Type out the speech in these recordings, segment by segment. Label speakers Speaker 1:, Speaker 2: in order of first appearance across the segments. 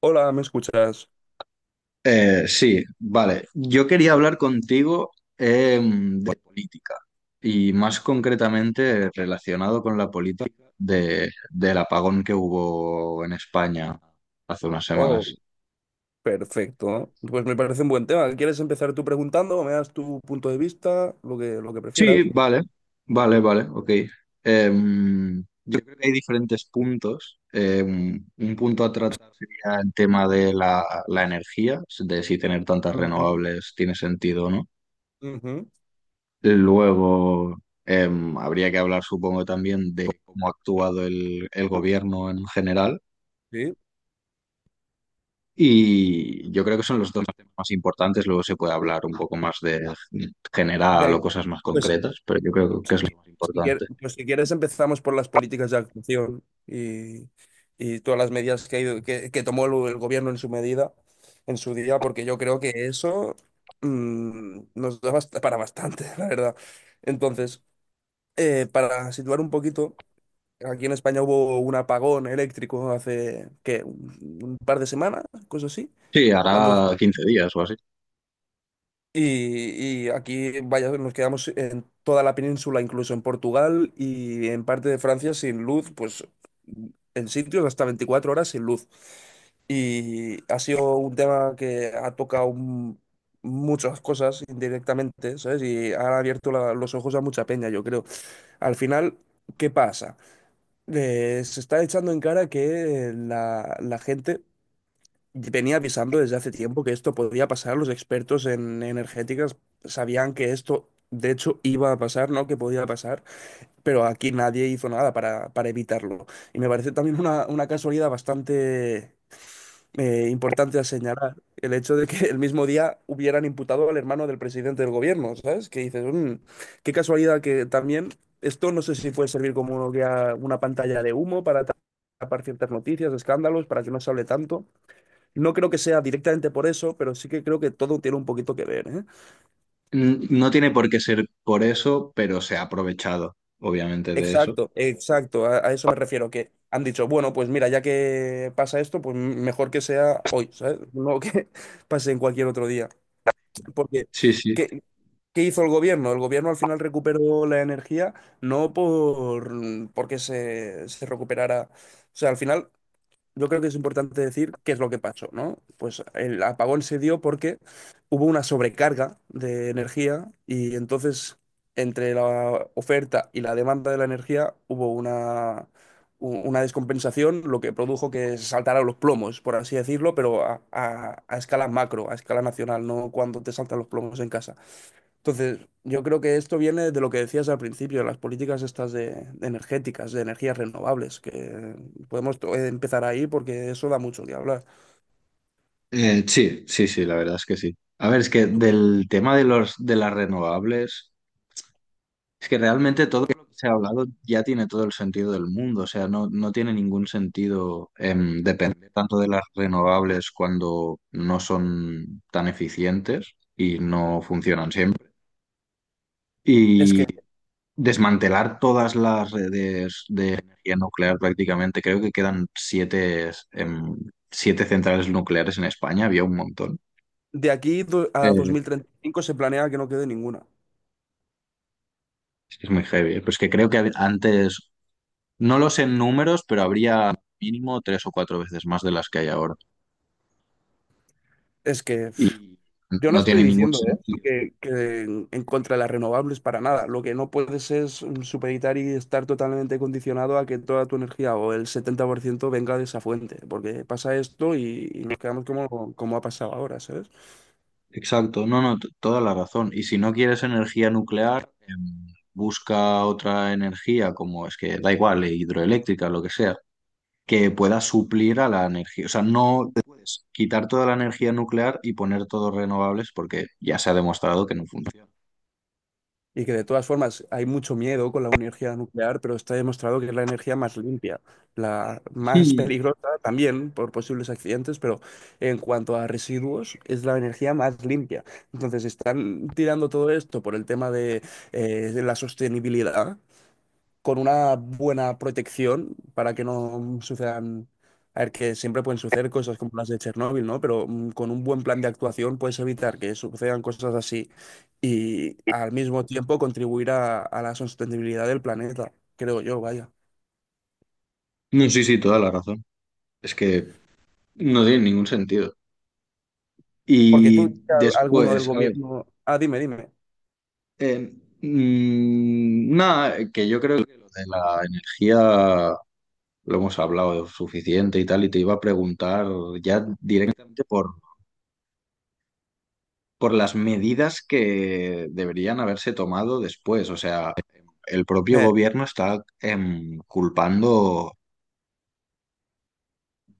Speaker 1: Hola, ¿me escuchas?
Speaker 2: Sí, vale. Yo quería hablar contigo de política y más concretamente relacionado con la política del apagón que hubo en España hace unas
Speaker 1: Oh,
Speaker 2: semanas.
Speaker 1: perfecto. Pues me parece un buen tema. ¿Quieres empezar tú preguntando o me das tu punto de vista, lo que
Speaker 2: Sí,
Speaker 1: prefieras?
Speaker 2: vale, vale, vale, ok. Em, yo creo que hay diferentes puntos. Un punto a tratar sería el tema de la energía, de si tener tantas
Speaker 1: Ujú.
Speaker 2: renovables tiene sentido o no.
Speaker 1: Ujú,
Speaker 2: Luego, habría que hablar, supongo, también de cómo ha actuado el gobierno en general.
Speaker 1: sí.
Speaker 2: Y yo creo que son los dos temas más importantes. Luego se puede hablar un poco más de general o
Speaker 1: Venga,
Speaker 2: cosas más
Speaker 1: pues si,
Speaker 2: concretas, pero yo creo que es
Speaker 1: qui-
Speaker 2: lo más
Speaker 1: si quier-
Speaker 2: importante.
Speaker 1: pues si quieres empezamos por las políticas de actuación y todas las medidas que, ha ido- que tomó el gobierno en su medida, en su día, porque yo creo que eso nos da para bastante, la verdad. Entonces, para situar un poquito. Aquí en España hubo un apagón eléctrico hace, ¿qué? Un par de semanas, cosas así.
Speaker 2: Sí,
Speaker 1: Cuando,
Speaker 2: hará 15 días o así.
Speaker 1: y aquí, vaya, nos quedamos en toda la península, incluso en Portugal y en parte de Francia sin luz, pues en sitios hasta 24 horas sin luz. Y ha sido un tema que ha tocado muchas cosas indirectamente, ¿sabes? Y ha abierto los ojos a mucha peña, yo creo. Al final, ¿qué pasa? Se está echando en cara que la gente venía avisando desde hace tiempo que esto podía pasar. Los expertos en energéticas sabían que esto, de hecho, iba a pasar, no que podía pasar, pero aquí nadie hizo nada para evitarlo. Y me parece también una casualidad bastante importante a señalar el hecho de que el mismo día hubieran imputado al hermano del presidente del gobierno, ¿sabes? Que dices, "Mm, qué casualidad que también esto no sé si puede servir como una pantalla de humo para tapar ciertas noticias, escándalos, para que no se hable tanto. No creo que sea directamente por eso, pero sí que creo que todo tiene un poquito que ver, ¿eh?
Speaker 2: No tiene por qué ser por eso, pero se ha aprovechado, obviamente, de eso.
Speaker 1: Exacto, exacto, a eso me refiero, que han dicho, bueno, pues mira, ya que pasa esto, pues mejor que sea hoy, ¿sabes? No que pase en cualquier otro día, porque...
Speaker 2: Sí, sí.
Speaker 1: Que, ¿Qué hizo el gobierno? El gobierno al final recuperó la energía, no por mm, porque se recuperara. O sea, al final yo creo que es importante decir qué es lo que pasó, ¿no? Pues el apagón se dio porque hubo una sobrecarga de energía y entonces entre la oferta y la demanda de la energía hubo una descompensación, lo que produjo que se saltaran los plomos, por así decirlo, pero a escala macro, a escala nacional, no cuando te saltan los plomos en casa. Entonces, yo creo que esto viene de lo que decías al principio, las políticas estas de energéticas, de energías renovables, que empezar ahí porque eso da mucho que hablar.
Speaker 2: Sí, sí, sí, la verdad es que sí. A ver, es que
Speaker 1: ¿Tú qué-
Speaker 2: del tema de los de las renovables. Es que realmente todo lo que se ha hablado ya tiene todo el sentido del mundo, o sea, no, no tiene ningún sentido depender tanto de las renovables cuando no son tan eficientes y no funcionan siempre.
Speaker 1: Es
Speaker 2: Y
Speaker 1: que
Speaker 2: desmantelar todas las redes de energía nuclear prácticamente, creo que quedan siete centrales nucleares en España, había un montón.
Speaker 1: de a
Speaker 2: Eh,
Speaker 1: 2035 se planea que no quede ninguna.
Speaker 2: es que es muy heavy, pues que creo que antes no lo sé en números, pero habría mínimo tres o cuatro veces más de las que hay ahora.
Speaker 1: Es que pf,
Speaker 2: Y
Speaker 1: yo no
Speaker 2: no
Speaker 1: estoy
Speaker 2: tiene ningún
Speaker 1: diciendo, ¿eh?
Speaker 2: sentido.
Speaker 1: Que en contra de las renovables para nada. Lo que no puedes es supeditar y estar totalmente condicionado a que toda tu energía o el 70% venga de esa fuente, porque pasa esto y nos quedamos como, como ha pasado ahora, ¿sabes?
Speaker 2: Exacto, no, no, toda la razón. Y si no quieres energía nuclear, busca otra energía, como es que da igual, hidroeléctrica, lo que sea, que pueda suplir a la energía. O sea, no te puedes quitar toda la energía nuclear y poner todos renovables porque ya se ha demostrado que no funciona.
Speaker 1: Y que de todas formas hay mucho miedo con la energía nuclear, pero está demostrado que es la energía más limpia, la más
Speaker 2: Sí.
Speaker 1: peligrosa también por posibles accidentes, pero en cuanto a residuos es la energía más limpia. Entonces están tirando todo esto por el tema de la sostenibilidad, con una buena protección para que no sucedan, a ver, que siempre pueden suceder cosas como las de Chernóbil, ¿no? Pero con un buen plan de actuación puedes evitar que sucedan cosas así y al mismo tiempo contribuir a la sostenibilidad del planeta, creo yo, vaya.
Speaker 2: No, sí, sí, toda la razón. Es que no tiene ningún sentido.
Speaker 1: Porque tú,
Speaker 2: Y
Speaker 1: alguno del
Speaker 2: después, a ver,
Speaker 1: gobierno... Ah, dime, dime.
Speaker 2: eh, nada, que yo creo que lo de la energía lo hemos hablado suficiente y tal, y te iba a preguntar ya directamente por las medidas que deberían haberse tomado después. O sea, el propio
Speaker 1: Eh,
Speaker 2: gobierno está culpando.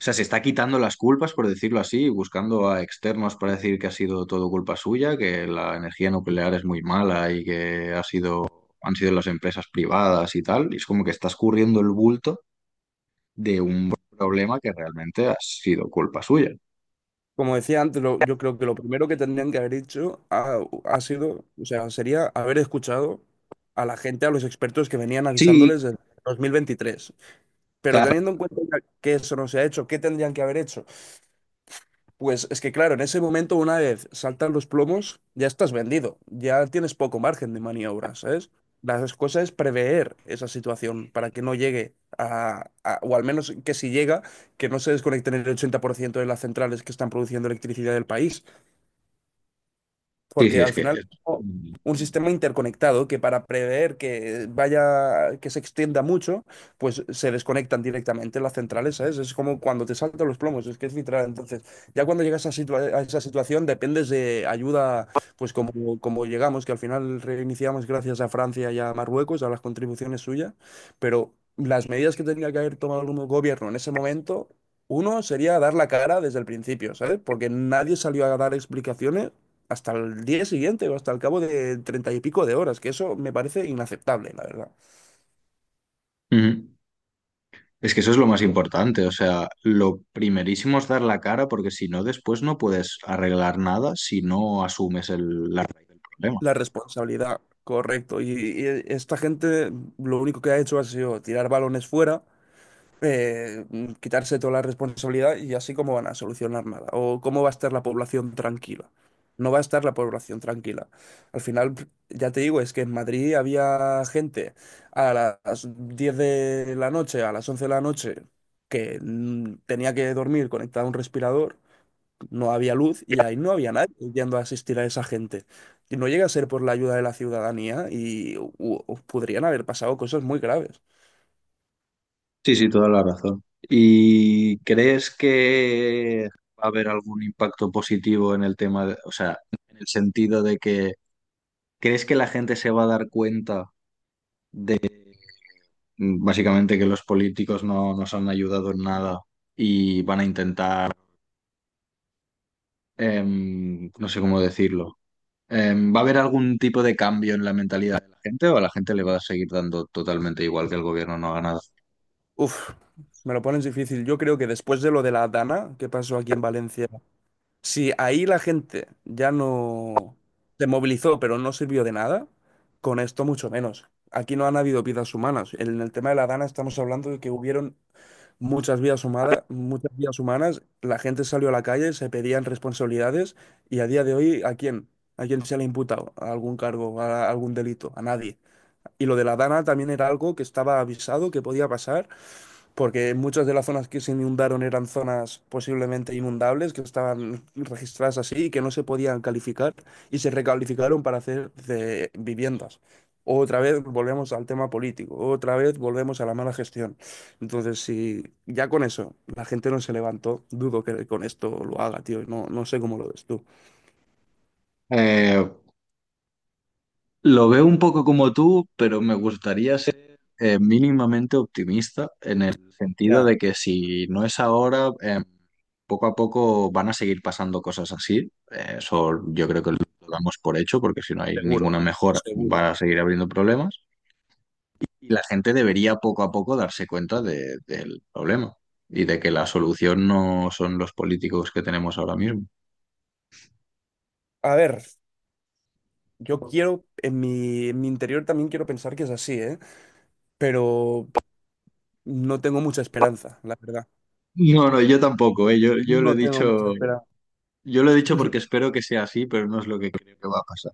Speaker 2: O sea, se está quitando las culpas, por decirlo así, buscando a externos para decir que ha sido todo culpa suya, que la energía nuclear es muy mala y que ha sido, han sido las empresas privadas y tal. Y es como que está escurriendo el bulto de un problema que realmente ha sido culpa suya.
Speaker 1: Como decía antes, yo creo que lo primero que tendrían que haber ha sido, o sea, sería haber escuchado a la gente, a los expertos que venían
Speaker 2: Sí,
Speaker 1: avisándoles desde 2023. Pero
Speaker 2: claro.
Speaker 1: teniendo en cuenta que eso no se ha hecho, ¿qué tendrían que haber hecho? Pues es que claro, en ese momento una vez saltan los plomos, ya estás vendido, ya tienes poco margen de maniobra, ¿sabes? Las cosas es prever esa situación para que no o al menos que si llega, que no se desconecten el 80% de las centrales que están produciendo electricidad del país
Speaker 2: Sí,
Speaker 1: porque
Speaker 2: sí, es
Speaker 1: al
Speaker 2: que...
Speaker 1: final un sistema interconectado que para prever que vaya, que se extienda mucho, pues se desconectan directamente las centrales, ¿sabes? Es como cuando te saltan los plomos, es que es literal. Entonces, ya cuando a esa situación, dependes de ayuda, pues como, como llegamos, que al final reiniciamos gracias a Francia y a Marruecos, a las contribuciones suyas, pero las medidas que tenía que haber tomado el gobierno en ese momento... Uno sería dar la cara desde el principio, ¿sabes? Porque nadie salió a dar explicaciones hasta el día siguiente o hasta el cabo de treinta y pico de horas, que eso me parece inaceptable, la verdad.
Speaker 2: Ujú. Es que eso es lo más importante, o sea, lo primerísimo es dar la cara porque si no, después no puedes arreglar nada si no asumes el, la raíz del problema.
Speaker 1: La responsabilidad, correcto. Y esta gente lo único que ha hecho ha sido tirar balones fuera quitarse toda la responsabilidad y así cómo van a solucionar nada. O cómo va a estar la población tranquila. No va a estar la población tranquila. Al final, ya te digo, es que en Madrid había gente a las 10 de la noche, a las 11 de la noche, que tenía que dormir conectada a un respirador, no había luz y ahí no había nadie yendo a asistir a esa gente. Y no llega a ser por la ayuda de la ciudadanía y podrían haber pasado cosas muy graves.
Speaker 2: Sí, sí, toda la razón. ¿Y crees que va a haber algún impacto positivo en el tema o sea, en el sentido de que crees que la gente se va a dar cuenta de básicamente que los políticos no nos han ayudado en nada y van a intentar, no sé cómo decirlo. ¿Va a haber algún tipo de cambio en la mentalidad de la gente o a la gente le va a seguir dando totalmente igual que el gobierno no haga nada?
Speaker 1: Uf, me lo pones difícil. Yo creo que después de lo de la Dana que pasó aquí en Valencia, si ahí la gente ya no se movilizó, pero no sirvió de nada, con esto mucho menos. Aquí no han habido vidas humanas. En el tema de la Dana estamos hablando de que hubieron muchas vidas humanas, la gente salió a la calle, se pedían responsabilidades y a día de hoy, ¿a quién? ¿A quién se le ha imputado a algún cargo, a algún delito? A nadie. Y lo de la Dana también era algo que estaba avisado que podía pasar porque muchas de las zonas que se inundaron eran zonas posiblemente inundables, que estaban registradas así y que no se podían calificar y se recalificaron para hacer de viviendas. Otra vez volvemos al tema político, otra vez volvemos a la mala gestión. Entonces, si ya con eso la gente no se levantó, dudo que con esto lo haga, tío. No, no sé cómo lo ves tú.
Speaker 2: Eh, Lo veo un poco como tú, pero me gustaría ser mínimamente optimista en el sentido
Speaker 1: Ya,
Speaker 2: de que si no es ahora, poco a poco van a seguir pasando cosas así. Eso yo creo que lo damos por hecho, porque si no hay
Speaker 1: seguro,
Speaker 2: ninguna mejora, van
Speaker 1: seguro.
Speaker 2: a seguir habiendo problemas. Y la gente debería poco a poco darse cuenta del problema y de que la solución no son los políticos que tenemos ahora mismo.
Speaker 1: A ver, yo quiero, en mi interior también quiero pensar que es así, ¿eh? Pero no tengo mucha esperanza, la verdad.
Speaker 2: No, no, yo tampoco. Yo lo he
Speaker 1: No tengo mucha
Speaker 2: dicho.
Speaker 1: esperanza.
Speaker 2: Yo lo he dicho porque espero que sea así, pero no es lo que creo que va a pasar.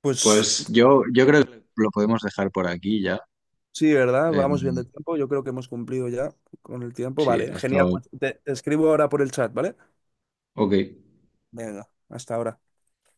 Speaker 1: Pues
Speaker 2: Pues yo creo que lo podemos dejar por aquí ya.
Speaker 1: sí, ¿verdad?
Speaker 2: Em,
Speaker 1: Vamos bien de tiempo. Yo creo que hemos cumplido ya con el tiempo.
Speaker 2: sí,
Speaker 1: Vale, genial.
Speaker 2: hasta...
Speaker 1: Pues te escribo ahora por el chat, ¿vale?
Speaker 2: Ok.
Speaker 1: Venga, hasta ahora.